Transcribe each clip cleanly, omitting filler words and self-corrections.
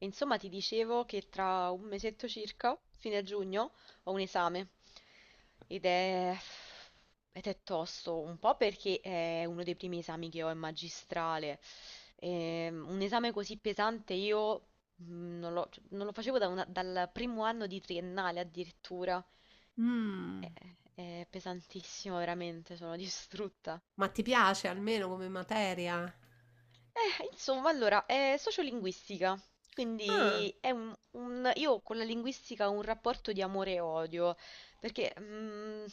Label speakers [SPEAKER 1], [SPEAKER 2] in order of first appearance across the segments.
[SPEAKER 1] Insomma, ti dicevo che tra un mesetto circa, fine giugno, ho un esame ed è... ed è tosto, un po' perché è uno dei primi esami che ho in magistrale. E, un esame così pesante io non lo facevo da dal primo anno di triennale addirittura.
[SPEAKER 2] Mh,
[SPEAKER 1] È, è pesantissimo, veramente, sono distrutta.
[SPEAKER 2] ma ti piace almeno come materia?
[SPEAKER 1] Insomma, allora, è sociolinguistica,
[SPEAKER 2] Ah.
[SPEAKER 1] quindi è io con la linguistica ho un rapporto di amore e odio, perché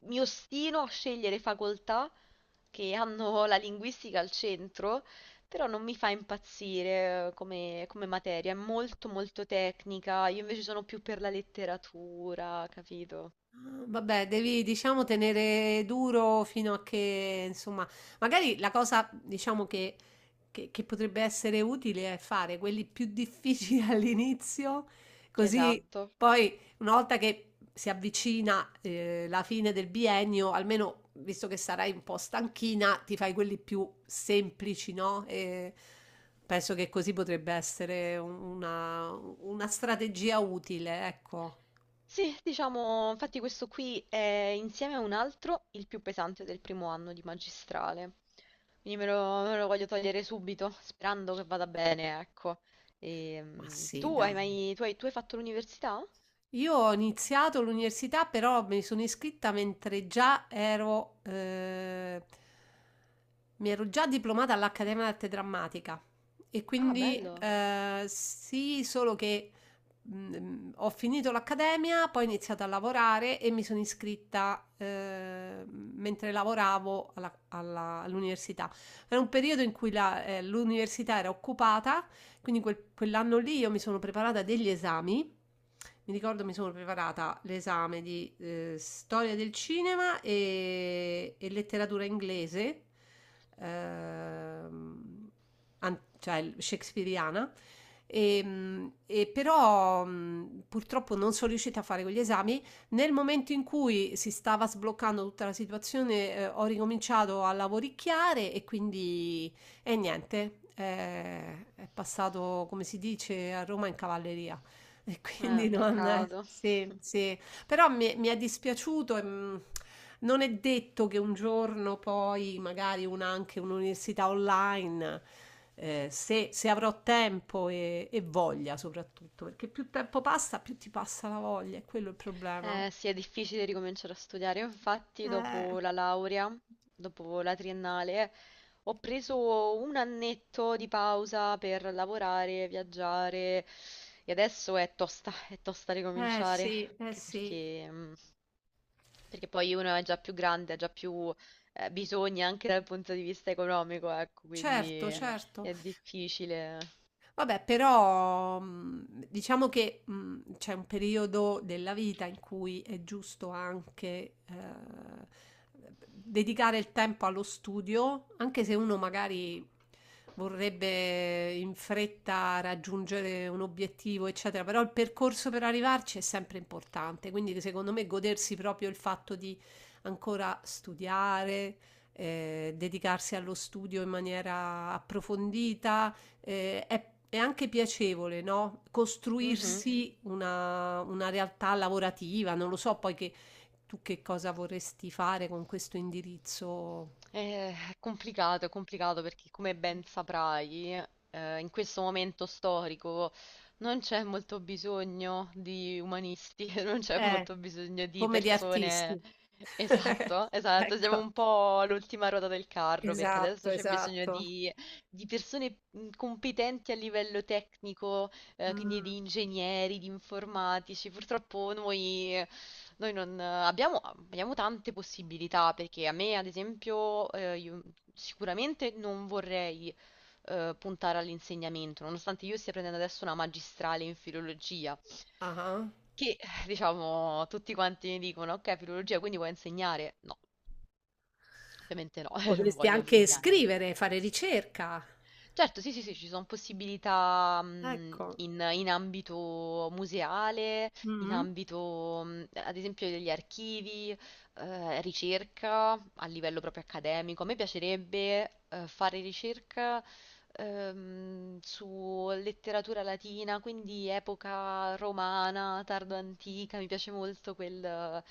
[SPEAKER 1] mi ostino a scegliere facoltà che hanno la linguistica al centro, però non mi fa impazzire come materia, è molto molto tecnica, io invece sono più per la letteratura, capito?
[SPEAKER 2] Ah. Vabbè, devi, diciamo, tenere duro fino a che, insomma, magari la cosa, diciamo, che potrebbe essere utile è fare quelli più difficili all'inizio, così
[SPEAKER 1] Esatto.
[SPEAKER 2] poi una volta che si avvicina, la fine del biennio, almeno visto che sarai un po' stanchina, ti fai quelli più semplici, no? E penso che così potrebbe essere una strategia utile, ecco.
[SPEAKER 1] Sì, diciamo, infatti questo qui è insieme a un altro il più pesante del primo anno di magistrale. Quindi me lo voglio togliere subito, sperando che vada bene, ecco.
[SPEAKER 2] Ma sì,
[SPEAKER 1] Tu hai
[SPEAKER 2] dai.
[SPEAKER 1] mai, tu hai fatto l'università?
[SPEAKER 2] Io ho iniziato l'università, però mi sono iscritta mentre già ero, mi ero già diplomata all'Accademia d'Arte Drammatica e
[SPEAKER 1] Ah,
[SPEAKER 2] quindi
[SPEAKER 1] bello.
[SPEAKER 2] sì, solo che ho finito l'accademia, poi ho iniziato a lavorare e mi sono iscritta mentre lavoravo all'università. Era un periodo in cui l'università era occupata, quindi quell'anno lì io mi sono preparata degli esami. Mi ricordo mi sono preparata l'esame di storia del cinema e letteratura inglese, ehm, cioè shakespeariana. E però purtroppo non sono riuscita a fare quegli esami. Nel momento in cui si stava sbloccando tutta la situazione, ho ricominciato a lavoricchiare e quindi e niente, è passato, come si dice, a Roma in cavalleria. E quindi non... Ammazza.
[SPEAKER 1] Peccato.
[SPEAKER 2] Sì, sì. Però mi è dispiaciuto e non è detto che un giorno poi, magari anche un'università online, se, se avrò tempo e voglia soprattutto, perché più tempo passa, più ti passa la voglia, è quello il problema.
[SPEAKER 1] Sì, è difficile ricominciare a studiare. Io, infatti,
[SPEAKER 2] Eh,
[SPEAKER 1] dopo la laurea, dopo la triennale, ho preso un annetto di pausa per lavorare, viaggiare e adesso è tosta
[SPEAKER 2] eh
[SPEAKER 1] ricominciare,
[SPEAKER 2] sì, eh
[SPEAKER 1] anche
[SPEAKER 2] sì.
[SPEAKER 1] perché, perché poi uno è già più grande, ha già più bisogni anche dal punto di vista economico, ecco,
[SPEAKER 2] Certo. Quindi,
[SPEAKER 1] quindi
[SPEAKER 2] certo.
[SPEAKER 1] è difficile.
[SPEAKER 2] Vabbè, però diciamo che c'è un periodo della vita in cui è giusto anche dedicare il tempo allo studio, anche se uno magari vorrebbe in fretta raggiungere un obiettivo, eccetera, però il percorso per arrivarci è sempre importante, quindi secondo me godersi proprio il fatto di ancora studiare, dedicarsi allo studio in maniera approfondita è anche piacevole, no?
[SPEAKER 1] Mhm.
[SPEAKER 2] Costruirsi una realtà lavorativa, non lo so poi che tu che cosa vorresti fare con questo indirizzo.
[SPEAKER 1] È complicato, è complicato perché come ben saprai, in questo momento storico non c'è molto bisogno di umanisti, non c'è
[SPEAKER 2] Eh,
[SPEAKER 1] molto bisogno di
[SPEAKER 2] come di
[SPEAKER 1] persone.
[SPEAKER 2] artisti.
[SPEAKER 1] Esatto, esatto, siamo
[SPEAKER 2] Ecco,
[SPEAKER 1] un po' all'ultima ruota del carro perché
[SPEAKER 2] esatto,
[SPEAKER 1] adesso c'è bisogno
[SPEAKER 2] esatto.
[SPEAKER 1] di persone competenti a livello tecnico, quindi
[SPEAKER 2] Mm.
[SPEAKER 1] di ingegneri, di informatici. Purtroppo noi non abbiamo tante possibilità perché a me, ad esempio, io sicuramente non vorrei puntare all'insegnamento, nonostante io stia prendendo adesso una magistrale in filologia,
[SPEAKER 2] Ah,
[SPEAKER 1] che diciamo tutti quanti mi dicono, ok, filologia, quindi vuoi insegnare? No, ovviamente no, non
[SPEAKER 2] potresti
[SPEAKER 1] voglio
[SPEAKER 2] anche
[SPEAKER 1] insegnare.
[SPEAKER 2] scrivere, fare ricerca.
[SPEAKER 1] Certo, sì, sì, sì, ci sono possibilità
[SPEAKER 2] Ecco.
[SPEAKER 1] in ambito museale, in
[SPEAKER 2] Mm.
[SPEAKER 1] ambito, ad esempio, degli archivi, ricerca a livello proprio accademico. A me piacerebbe fare ricerca su letteratura latina, quindi epoca romana, tardo antica, mi piace molto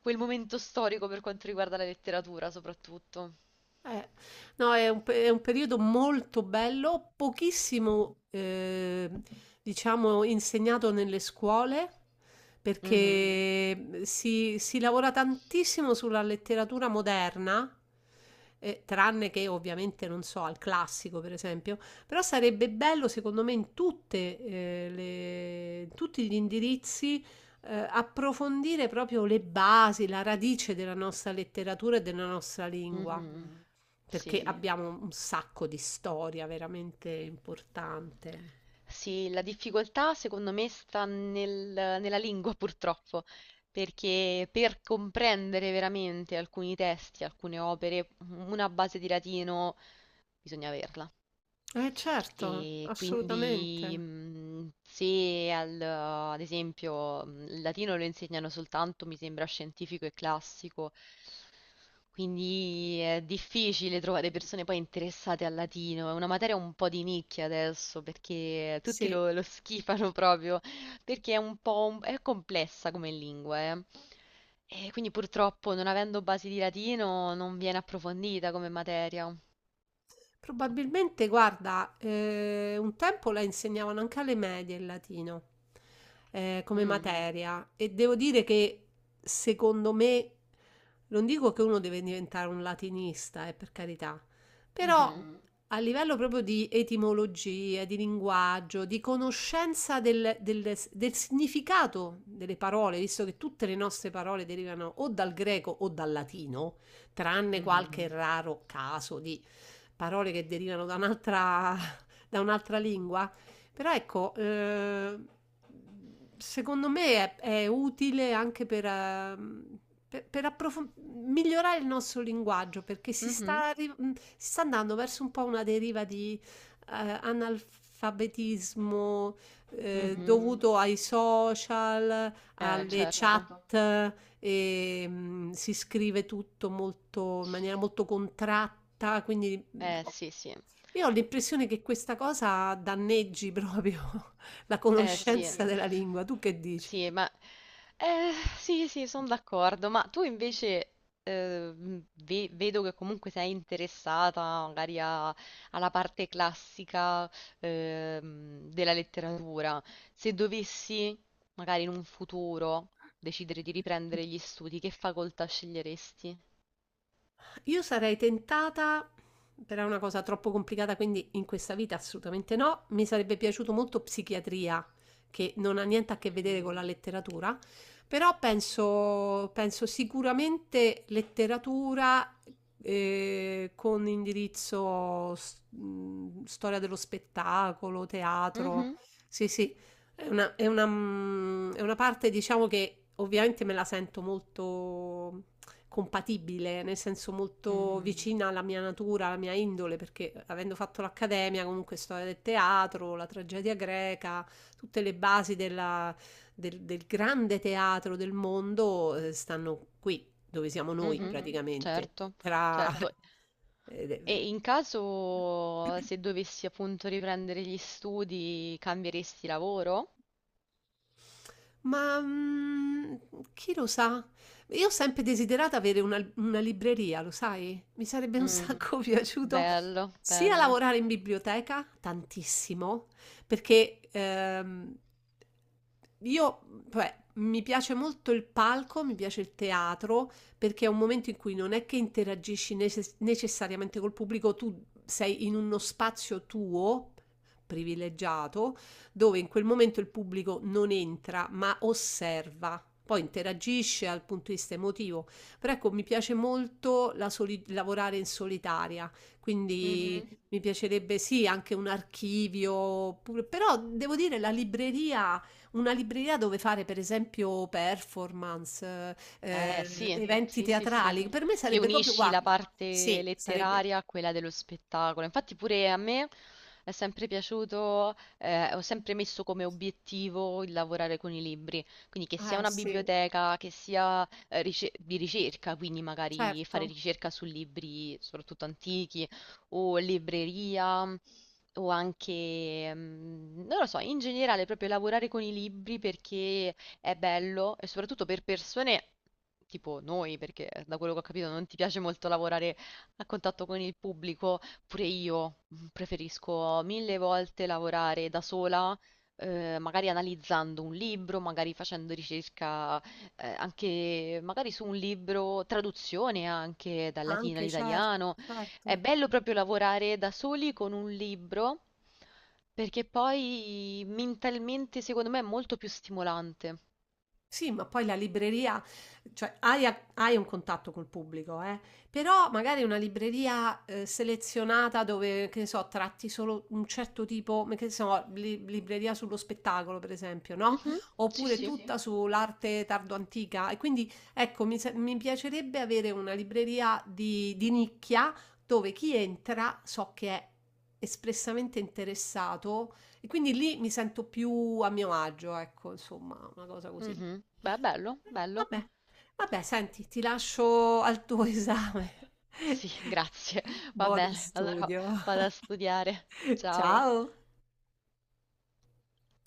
[SPEAKER 1] quel momento storico per quanto riguarda la letteratura, soprattutto.
[SPEAKER 2] Eh, no, è un pe è un periodo molto bello, pochissimo, diciamo, insegnato nelle scuole. Mm. Perché si, si lavora tantissimo sulla letteratura moderna, tranne che ovviamente, non so, al classico, per esempio, però sarebbe bello, secondo me, in tutte, in tutti gli indirizzi approfondire proprio le basi, la radice della nostra letteratura e della nostra lingua,
[SPEAKER 1] Mh-mh.
[SPEAKER 2] perché sì,
[SPEAKER 1] Sì.
[SPEAKER 2] abbiamo un sacco di storia veramente importante.
[SPEAKER 1] Sì, la difficoltà secondo me sta nella lingua purtroppo, perché per comprendere veramente alcuni testi, alcune opere, u una base di latino bisogna averla.
[SPEAKER 2] Eh certo,
[SPEAKER 1] E quindi
[SPEAKER 2] assolutamente.
[SPEAKER 1] se al- ad esempio il latino lo insegnano soltanto, mi sembra, scientifico e classico, quindi è difficile trovare persone poi interessate al latino, è una materia un po' di nicchia adesso perché tutti
[SPEAKER 2] Sì.
[SPEAKER 1] lo schifano proprio, perché è un po' è complessa come lingua, eh. E quindi purtroppo non avendo basi di latino non viene approfondita come materia.
[SPEAKER 2] Probabilmente, guarda, un tempo la insegnavano anche alle medie il latino come
[SPEAKER 1] Mm,
[SPEAKER 2] materia, e devo dire che secondo me, non dico che uno deve diventare un latinista, per carità, però
[SPEAKER 1] mhm,
[SPEAKER 2] Mhm. A livello proprio di etimologia, di linguaggio, di conoscenza del, del significato delle parole, visto che tutte le nostre parole derivano o dal greco o dal latino, tranne
[SPEAKER 1] mhm,
[SPEAKER 2] qualche mhm raro caso di parole che derivano da un'altra lingua. Però ecco, secondo me è utile anche per, per approfon- migliorare il nostro linguaggio, perché si
[SPEAKER 1] mhm.
[SPEAKER 2] sta, si sta andando verso un po' una deriva di analfabetismo Mm, mm.
[SPEAKER 1] Mhm,
[SPEAKER 2] Dovuto ai social, eh beh,
[SPEAKER 1] eh,
[SPEAKER 2] alle
[SPEAKER 1] certo.
[SPEAKER 2] certo chat, e, si scrive tutto molto, in maniera molto contratta, quindi
[SPEAKER 1] Eh sì, sì.
[SPEAKER 2] io ho l'impressione che questa cosa danneggi proprio la anche
[SPEAKER 1] Eh sì,
[SPEAKER 2] conoscenza qui della lingua. Tu che dici?
[SPEAKER 1] sì, ma eh, sì, sì, sono d'accordo. Ma tu invece vedo che comunque sei interessata magari alla parte classica della letteratura. Se dovessi, magari in un futuro, decidere di riprendere gli studi, che facoltà sceglieresti?
[SPEAKER 2] Io sarei tentata, però è una cosa troppo complicata, quindi in questa vita assolutamente no. Mi sarebbe piaciuto molto psichiatria, che non ha niente a che vedere
[SPEAKER 1] Mm.
[SPEAKER 2] con la letteratura, però penso, penso sicuramente letteratura con indirizzo storia dello spettacolo, Mm, teatro.
[SPEAKER 1] Mhm,
[SPEAKER 2] Sì, sì, è una, mm, è una parte, diciamo, che ovviamente me la sento molto compatibile, nel senso molto
[SPEAKER 1] mhm,
[SPEAKER 2] vicina alla mia natura, alla mia indole, perché avendo fatto l'accademia, comunque storia del teatro, la tragedia greca, tutte le basi del, del grande teatro del mondo stanno qui, dove siamo noi Mhm
[SPEAKER 1] mhm,
[SPEAKER 2] praticamente, certo,
[SPEAKER 1] certo,
[SPEAKER 2] tra
[SPEAKER 1] certo.
[SPEAKER 2] certo.
[SPEAKER 1] E in caso
[SPEAKER 2] eh,
[SPEAKER 1] se dovessi appunto riprendere gli studi, cambieresti lavoro?
[SPEAKER 2] Ma chi lo sa? Io ho sempre desiderato avere una libreria, lo sai? Mi sarebbe un Mm,
[SPEAKER 1] Mm,
[SPEAKER 2] sacco piaciuto beh,
[SPEAKER 1] bello,
[SPEAKER 2] sia
[SPEAKER 1] bello.
[SPEAKER 2] lavorare in biblioteca, tantissimo, perché io, cioè, mi piace molto il palco, mi piace il teatro, perché è un momento in cui non è che interagisci necessariamente col pubblico, tu sei in uno spazio tuo, privilegiato, dove in quel momento il pubblico non entra, ma osserva. Poi interagisce dal punto di vista emotivo, però ecco, mi piace molto la lavorare in solitaria, quindi
[SPEAKER 1] Mhm.
[SPEAKER 2] Mhm. Mi piacerebbe sì anche un archivio, pure- però devo dire la libreria, una libreria dove fare per esempio performance,
[SPEAKER 1] Eh
[SPEAKER 2] bello, sì.
[SPEAKER 1] sì,
[SPEAKER 2] Eventi
[SPEAKER 1] sì, sì, sì,
[SPEAKER 2] teatrali, per me
[SPEAKER 1] che
[SPEAKER 2] sarebbe proprio,
[SPEAKER 1] unisci la
[SPEAKER 2] bellissimo, guarda,
[SPEAKER 1] parte
[SPEAKER 2] sì, sarebbe
[SPEAKER 1] letteraria a quella dello spettacolo. Infatti pure a me è sempre piaciuto, ho sempre messo come obiettivo il lavorare con i libri, quindi che sia
[SPEAKER 2] eh
[SPEAKER 1] una
[SPEAKER 2] sì,
[SPEAKER 1] biblioteca, che sia di ricerca, quindi magari fare
[SPEAKER 2] certo,
[SPEAKER 1] ricerca su libri soprattutto antichi o libreria. O anche, mm, non lo so, in generale proprio lavorare con i libri perché è bello e soprattutto per persone tipo noi, perché da quello che ho capito non ti piace molto lavorare a contatto con il pubblico, pure io preferisco mille volte lavorare da sola. Eh, magari analizzando un libro, magari facendo ricerca anche magari su un libro, traduzione anche dal latino
[SPEAKER 2] anche certo,
[SPEAKER 1] all'italiano. È
[SPEAKER 2] certo.
[SPEAKER 1] bello proprio lavorare da soli con un libro perché poi mentalmente secondo me è molto più stimolante.
[SPEAKER 2] Sì, ma poi la libreria, cioè hai, hai un contatto col pubblico, eh? Però magari una libreria selezionata dove, che ne so, tratti solo un certo tipo, ma che ne so, libreria sullo spettacolo, per esempio, no?
[SPEAKER 1] Mhm, sì,
[SPEAKER 2] Oppure sì, sì,
[SPEAKER 1] sì.
[SPEAKER 2] tutta sull'arte tardo-antica. E quindi, ecco, mi piacerebbe avere una libreria di nicchia dove chi entra so che è espressamente interessato, e quindi lì mi sento più a mio agio, ecco, insomma, una cosa così.
[SPEAKER 1] Mhm. Beh, bello, bello.
[SPEAKER 2] Vabbè, vabbè, senti, ti lascio al tuo esame.
[SPEAKER 1] Sì, grazie. Va
[SPEAKER 2] Buono
[SPEAKER 1] bene, allora
[SPEAKER 2] studio.
[SPEAKER 1] vado a studiare. Ciao.
[SPEAKER 2] Ciao.